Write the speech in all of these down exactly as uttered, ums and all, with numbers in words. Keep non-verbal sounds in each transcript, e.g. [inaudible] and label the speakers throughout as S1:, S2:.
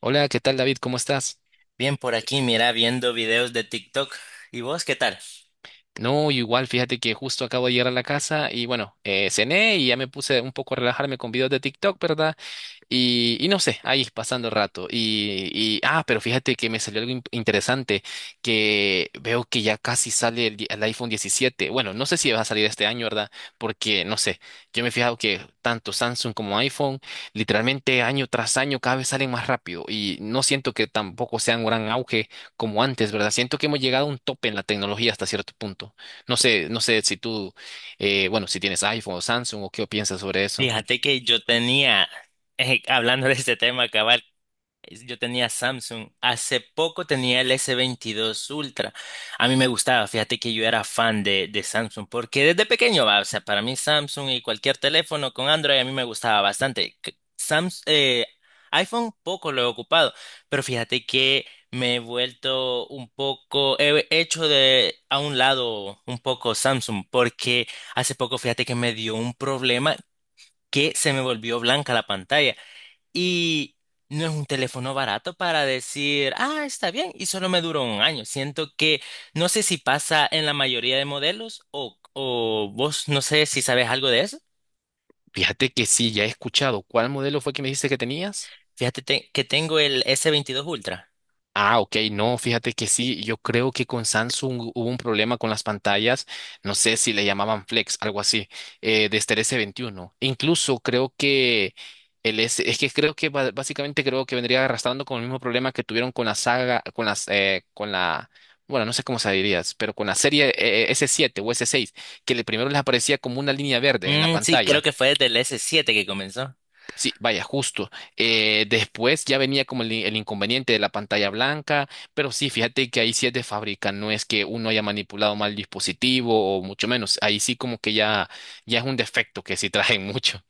S1: Hola, ¿qué tal, David? ¿Cómo estás?
S2: Bien por aquí, mira, viendo videos de TikTok. ¿Y vos qué tal?
S1: No, igual, fíjate que justo acabo de llegar a la casa y bueno, eh, cené y ya me puse un poco a relajarme con videos de TikTok, ¿verdad? Y, y no sé, ahí pasando el rato. Y, y- ah, pero fíjate que me salió algo in- interesante, que veo que ya casi sale el, di- el iPhone diecisiete. Bueno, no sé si va a salir este año, ¿verdad? Porque, no sé, yo me he fijado que tanto Samsung como iPhone, literalmente año tras año cada vez salen más rápido. Y no siento que tampoco sea un gran auge como antes, ¿verdad? Siento que hemos llegado a un tope en la tecnología hasta cierto punto. No sé, no sé si tú, eh, bueno, si tienes iPhone o Samsung o qué piensas sobre eso.
S2: Fíjate que yo tenía, eh, hablando de este tema, es- yo tenía Samsung. Hace poco tenía el ese veintidós Ultra. A mí me gustaba, fíjate que yo era fan de, de Samsung, porque desde pequeño, va, o sea, para mí Samsung y cualquier teléfono con Android a mí me gustaba bastante. C- Sams- eh, iPhone poco lo he ocupado, pero fíjate que me he vuelto un poco, he hecho de a un lado un poco Samsung, porque hace poco fíjate que me dio un problema que se me volvió blanca la pantalla. Y no es un teléfono barato para decir, ah, está bien, y solo me duró un año. Siento que no sé si pasa en la mayoría de modelos o, o vos no sé si sabes algo de eso.
S1: Fíjate que sí, ya he escuchado. ¿Cuál modelo fue que me dijiste que tenías?
S2: Fíjate te- que tengo el s veintidós Ultra.
S1: Ah, ok, no, fíjate que sí. Yo creo que con Samsung hubo un problema con las pantallas. No sé si le llamaban Flex, algo así, eh, desde el s veintiuno. Incluso creo que el S, es que creo que ba- básicamente creo que vendría arrastrando con el mismo problema que tuvieron con la saga, con las, eh, con la, bueno, no sé cómo se dirías, pero con la serie eh, eh, s siete o s seis, que le primero les aparecía como una línea verde en la
S2: Mm, sí, creo
S1: pantalla.
S2: que fue desde el s siete que comenzó.
S1: Sí, vaya, justo. Eh, después ya venía como el, in- el inconveniente de la pantalla blanca, pero sí, fíjate que ahí sí es de fábrica, no es que uno haya manipulado mal el dispositivo o mucho menos, ahí sí como que ya, ya es un defecto que sí traen [laughs] mucho.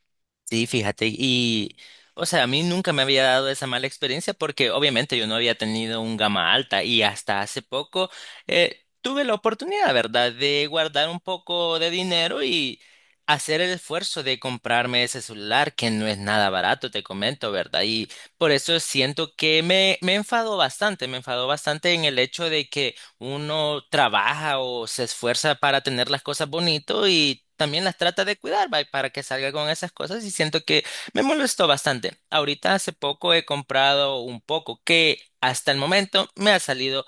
S2: Sí, fíjate, y o sea, a mí nunca me había dado esa mala experiencia porque obviamente yo no había tenido un gama alta y hasta hace poco eh, tuve la oportunidad, ¿verdad?, de guardar un poco de dinero y hacer el esfuerzo de comprarme ese celular que no es nada barato, te comento, ¿verdad? Y por eso siento que me, me enfadó bastante, me enfadó bastante en el hecho de que uno trabaja o se esfuerza para tener las cosas bonito y también las trata de cuidar, va, para que salga con esas cosas y siento que me molestó bastante. Ahorita hace poco he comprado un poco que hasta el momento me ha salido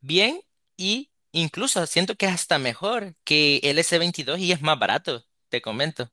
S2: bien y incluso siento que es hasta mejor que el ese veintidós y es más barato, te comento.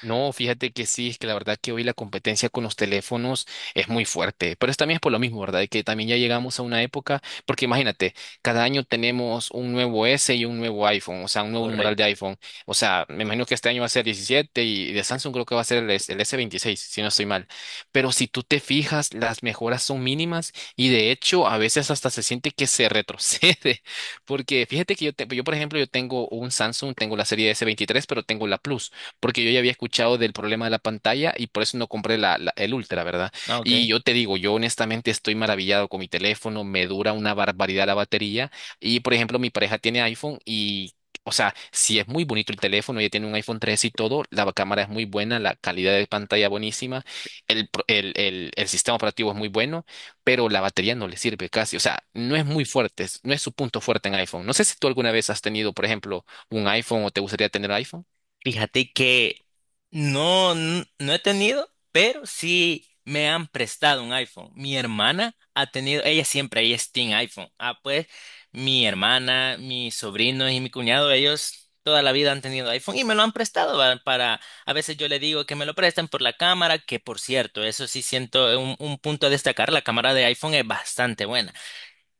S1: No, fíjate que sí, es que la verdad que hoy la competencia con los teléfonos es muy fuerte, pero es también es por lo mismo, ¿verdad? Que también ya llegamos a una época, porque imagínate, cada año tenemos un nuevo S y un nuevo iPhone, o sea, un nuevo numeral de
S2: Correcto.
S1: iPhone. O sea, me imagino que este año va a ser diecisiete y de Samsung creo que va a ser el, S- el s veintiséis, si no estoy mal. Pero si tú te fijas, las mejoras son mínimas y de hecho a veces hasta se siente que se retrocede, [laughs] porque fíjate que yo, te- yo por ejemplo, yo tengo un Samsung, tengo la serie s veintitrés, pero tengo la Plus porque yo ya había escuchado del problema de la pantalla y por eso no compré la, la- el Ultra, ¿verdad?
S2: Ah,
S1: Y
S2: ok.
S1: yo te digo, yo honestamente estoy maravillado con mi teléfono, me dura una barbaridad la batería y, por ejemplo, mi pareja tiene iPhone y... O sea, si es muy bonito el teléfono, ella tiene un iPhone tres y todo, la cámara es muy buena, la calidad de pantalla buenísima, el, pro- el, el, el sistema operativo es muy bueno, pero la batería no le sirve casi, o sea, no es muy fuerte, es- no es su punto fuerte en iPhone. No sé si tú alguna vez has tenido, por ejemplo, un iPhone o te gustaría tener iPhone.
S2: Fíjate que no, n- no he tenido, pero sí me han prestado un iPhone. Mi hermana ha tenido, ella siempre, ella es team iPhone. Ah, pues mi hermana, mis sobrinos y mi cuñado, ellos toda la vida han tenido iPhone y me lo han prestado va, para, a veces yo le digo que me lo prestan por la cámara, que por cierto, eso sí siento un, un punto a destacar, la cámara de iPhone es bastante buena.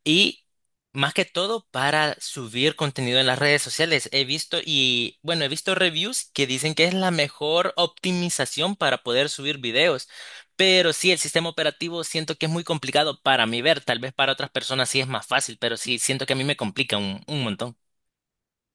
S2: Y más que todo para subir contenido en las redes sociales. He visto y bueno, he visto reviews que dicen que es la mejor optimización para poder subir videos. Pero sí, el sistema operativo siento que es muy complicado para mí ver. Tal vez para otras personas sí es más fácil, pero sí siento que a mí me complica un, un montón.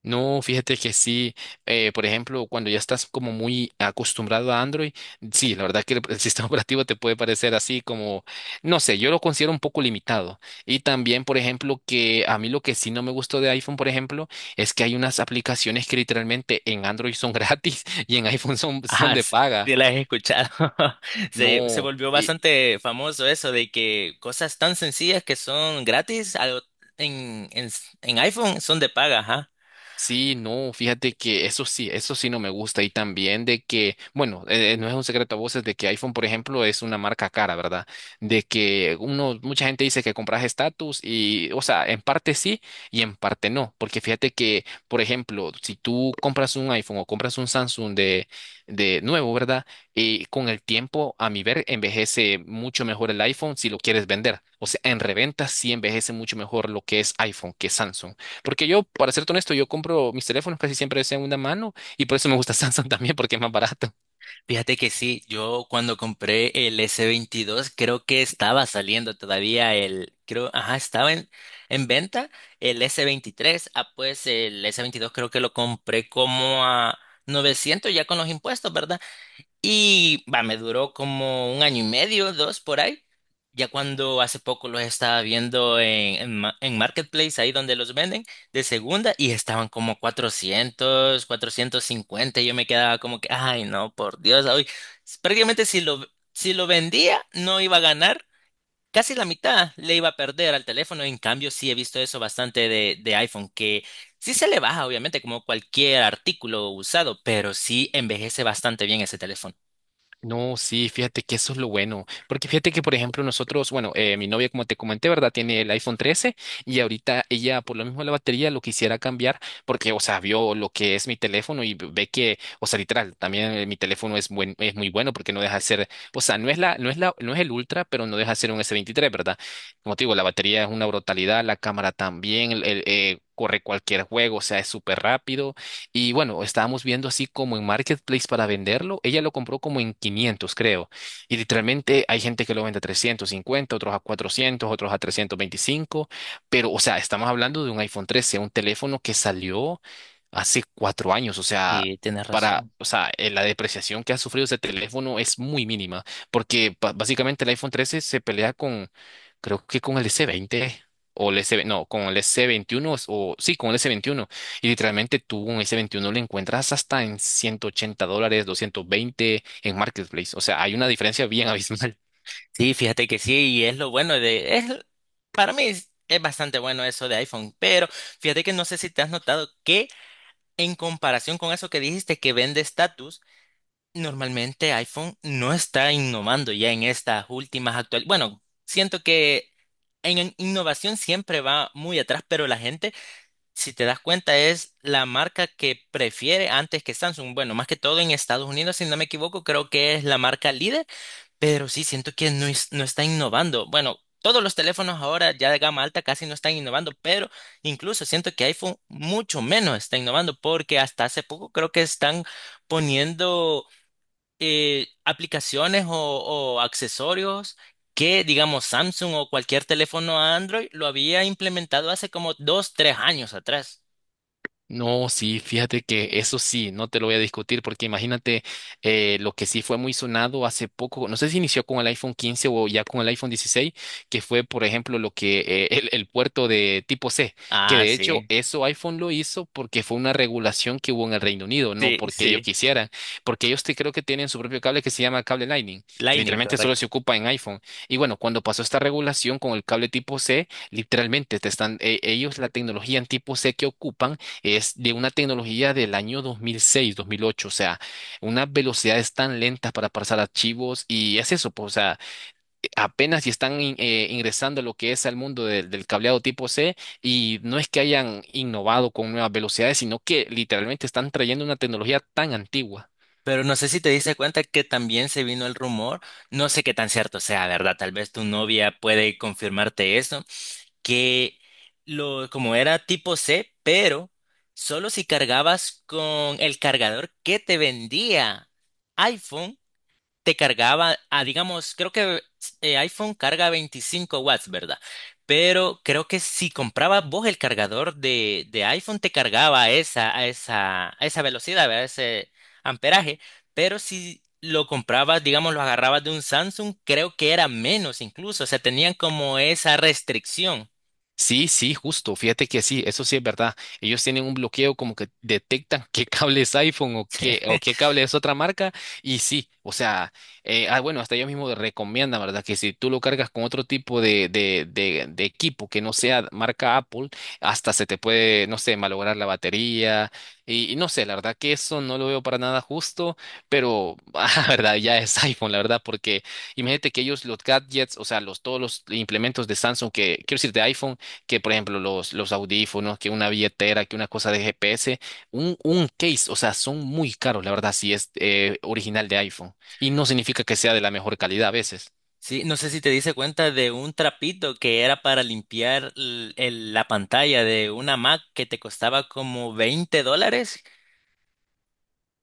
S1: No, fíjate que sí, eh, por ejemplo, cuando ya estás como muy acostumbrado a Android, sí, la verdad que el, el sistema [laughs] operativo te puede parecer así como, no sé, yo lo considero un poco limitado. Y también, por ejemplo, que a mí lo que sí no me gustó de iPhone, por ejemplo, es que hay unas aplicaciones que literalmente en Android son gratis [laughs] y en iPhone son,
S2: [laughs]
S1: son
S2: Ajá,
S1: de
S2: sí,
S1: paga.
S2: sí la he escuchado. [laughs] Se, se
S1: No.
S2: volvió bastante famoso eso de que cosas tan sencillas que son gratis algo en, en, en iPhone son de paga, ajá.
S1: Sí, no, fíjate que eso sí, eso sí no me gusta y también de que, bueno, eh, eh, no es un secreto a voces de que iPhone, por ejemplo, es una marca cara, ¿verdad? De que uno, mucha gente dice que compras estatus y, o sea, en parte sí y en parte no, porque fíjate que, por ejemplo, si tú compras un iPhone o compras un Samsung de, de nuevo, ¿verdad? Y con el tiempo, a mi ver, envejece mucho mejor el iPhone si lo quieres vender. O sea, en reventa sí envejece mucho mejor lo que es iPhone que Samsung. Porque yo, para serte honesto, yo compro mis teléfonos casi siempre de segunda mano y por eso me gusta [laughs] Samsung también porque es más barato.
S2: Fíjate que sí, yo cuando compré el ese veintidós creo que estaba saliendo todavía el, creo, ajá, estaba en, en venta el ese veintitrés, ah, pues el ese veintidós creo que lo compré como a novecientos ya con los impuestos, ¿verdad? Y va, me duró como un año y medio, dos por ahí. Ya cuando hace poco los estaba viendo en, en, ma- en Marketplace, ahí donde los venden, de segunda, y estaban como cuatrocientos, 450, y yo me quedaba como que, ay, no, por Dios, hoy prácticamente si lo, si lo vendía, no iba a ganar. Casi la mitad le iba a perder al teléfono. En cambio, sí he visto eso bastante de, de iPhone, que sí se le baja, obviamente, como cualquier artículo usado, pero sí envejece bastante bien ese teléfono.
S1: No, sí, fíjate que eso es lo bueno, porque fíjate que, por ejemplo, nosotros, bueno, eh, mi novia, como te comenté, ¿verdad? Tiene el iPhone trece y ahorita ella, por lo mismo de la batería, lo quisiera cambiar porque, o sea, vio lo que es mi teléfono y ve que, o sea, literal, también eh, mi teléfono es buen, es muy bueno porque no deja de ser, o sea, no es la, no es la, no es el Ultra, pero no deja de ser un S veintitrés, ¿verdad? Como te digo, la batería es una brutalidad, la cámara también, el- el, eh, corre cualquier juego, o sea, es súper rápido y bueno, estábamos viendo así como en Marketplace para venderlo. Ella lo compró como en quinientos, creo. Y literalmente hay gente que lo vende a trescientos cincuenta, otros a cuatrocientos, otros a trescientos veinticinco. Pero, o sea, estamos hablando de un iPhone trece, un teléfono que salió hace cuatro años. O sea,
S2: Sí, tienes
S1: para,
S2: razón.
S1: o sea, eh, la depreciación que ha sufrido ese teléfono es muy mínima. Porque ba- básicamente el iPhone trece se pelea con, creo que con el S veinte o el S, no, con el S veintiuno o sí, con el S veintiuno. Y literalmente tú un S veintiuno lo encuentras hasta en ciento ochenta dólares, doscientos veinte en Marketplace. O sea, hay una diferencia bien abismal.
S2: Sí, fíjate que sí, y es lo bueno de, es, para mí es, es bastante bueno eso de iPhone, pero fíjate que no sé si te has notado que en comparación con eso que dijiste que vende estatus, normalmente iPhone no está innovando ya en estas últimas actuales. Bueno, siento que en en innovación siempre va muy atrás, pero la gente, si te das cuenta, es la marca que prefiere antes que Samsung. Bueno, más que todo en Estados Unidos, si no me equivoco, creo que es la marca líder. Pero sí, siento que no, es- no está innovando. Bueno, todos los teléfonos ahora ya de gama alta casi no están innovando, pero incluso siento que iPhone mucho menos está innovando porque hasta hace poco creo que están poniendo eh, aplicaciones o, o accesorios que, digamos, Samsung o cualquier teléfono Android lo había implementado hace como dos, tres años atrás.
S1: No, sí, fíjate que eso sí, no te lo voy a discutir porque imagínate eh, lo que sí fue muy sonado hace poco, no sé si inició con el iPhone quince o ya con el iPhone dieciséis, que fue, por ejemplo, lo que eh, el, el puerto de tipo C, que
S2: Ah,
S1: de hecho
S2: sí,
S1: eso iPhone lo hizo porque fue una regulación que hubo en el Reino Unido, no
S2: sí,
S1: porque ellos
S2: sí.
S1: quisieran, porque ellos te, creo que tienen su propio cable que se llama cable Lightning, que
S2: Lightning.
S1: literalmente solo se ocupa en iPhone. Y bueno, cuando pasó esta regulación con el cable tipo C, literalmente te están, e- ellos la tecnología en tipo C que ocupan es de una tecnología del año dos mil seis, dos mil ocho, o sea, unas velocidades tan lentas para pasar archivos y es eso, pues, o sea, apenas si están in- eh, ingresando lo que es al mundo del del cableado tipo C y no es que hayan innovado con nuevas velocidades, sino que literalmente están trayendo una tecnología tan antigua.
S2: Pero no sé si te diste cuenta que también se vino el rumor, no sé qué tan cierto sea, ¿verdad? Tal vez tu novia puede confirmarte eso, que lo, como era tipo C, pero solo si cargabas con el cargador que te vendía iPhone, te cargaba, ah, digamos, creo que eh, iPhone carga veinticinco watts, ¿verdad? Pero creo que si comprabas vos el cargador de, de iPhone, te cargaba a esa, a esa, a esa velocidad, ¿verdad? Ese amperaje. Pero si lo comprabas, digamos, lo agarrabas de un Samsung, creo que era menos incluso. O sea, tenían como esa restricción.
S1: Sí, sí, justo. Fíjate que sí, eso sí es verdad. Ellos tienen un bloqueo como que detectan [laughs] qué cable es iPhone o qué, o
S2: [laughs]
S1: qué cable es otra marca. Y sí, o sea, eh, ah, bueno, hasta ellos mismos recomiendan, ¿verdad? Que si tú lo cargas con otro tipo de, de, de, de equipo que no sea marca Apple, hasta se te puede, no sé, malograr la batería. Y, y no sé, la verdad que eso no lo veo para nada justo, pero, [laughs] ah, verdad, ya es iPhone, la verdad, porque imagínate que ellos los gadgets, o sea, los, todos los implementos de Samsung que, quiero decir, de iPhone, que por ejemplo los, los audífonos, que una billetera, que una cosa de G P S, un, un case, o sea, son muy caros, la verdad, si es eh, original de iPhone. Y no significa que sea de la mejor calidad a veces. [laughs]
S2: Sí, no sé si te diste cuenta de un trapito que era para limpiar l- el- la pantalla de una Mac que te costaba como veinte dólares.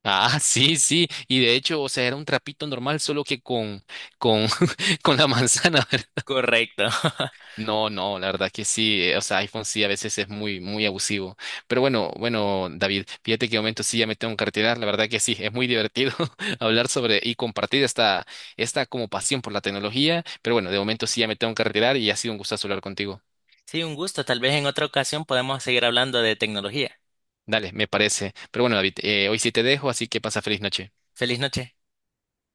S1: Ah, sí, sí. Y de hecho, o sea, era un trapito normal, solo que con, con, [laughs] con la manzana, [laughs]
S2: Correcto. [laughs]
S1: No, no, la verdad que sí, eh, o sea, iPhone sí a veces es muy, muy abusivo. Pero bueno, bueno, David, fíjate que de momento sí ya me tengo que retirar, la verdad que sí, es muy divertido [laughs] hablar sobre y compartir esta, esta como pasión por la tecnología. Pero bueno, de momento sí ya me tengo que retirar y ha sido un gustazo hablar contigo.
S2: Sí, un gusto. Tal vez en otra ocasión podemos seguir hablando de tecnología.
S1: Dale, me parece. Pero bueno, David, eh, hoy sí te dejo, así que pasa feliz noche.
S2: Feliz noche.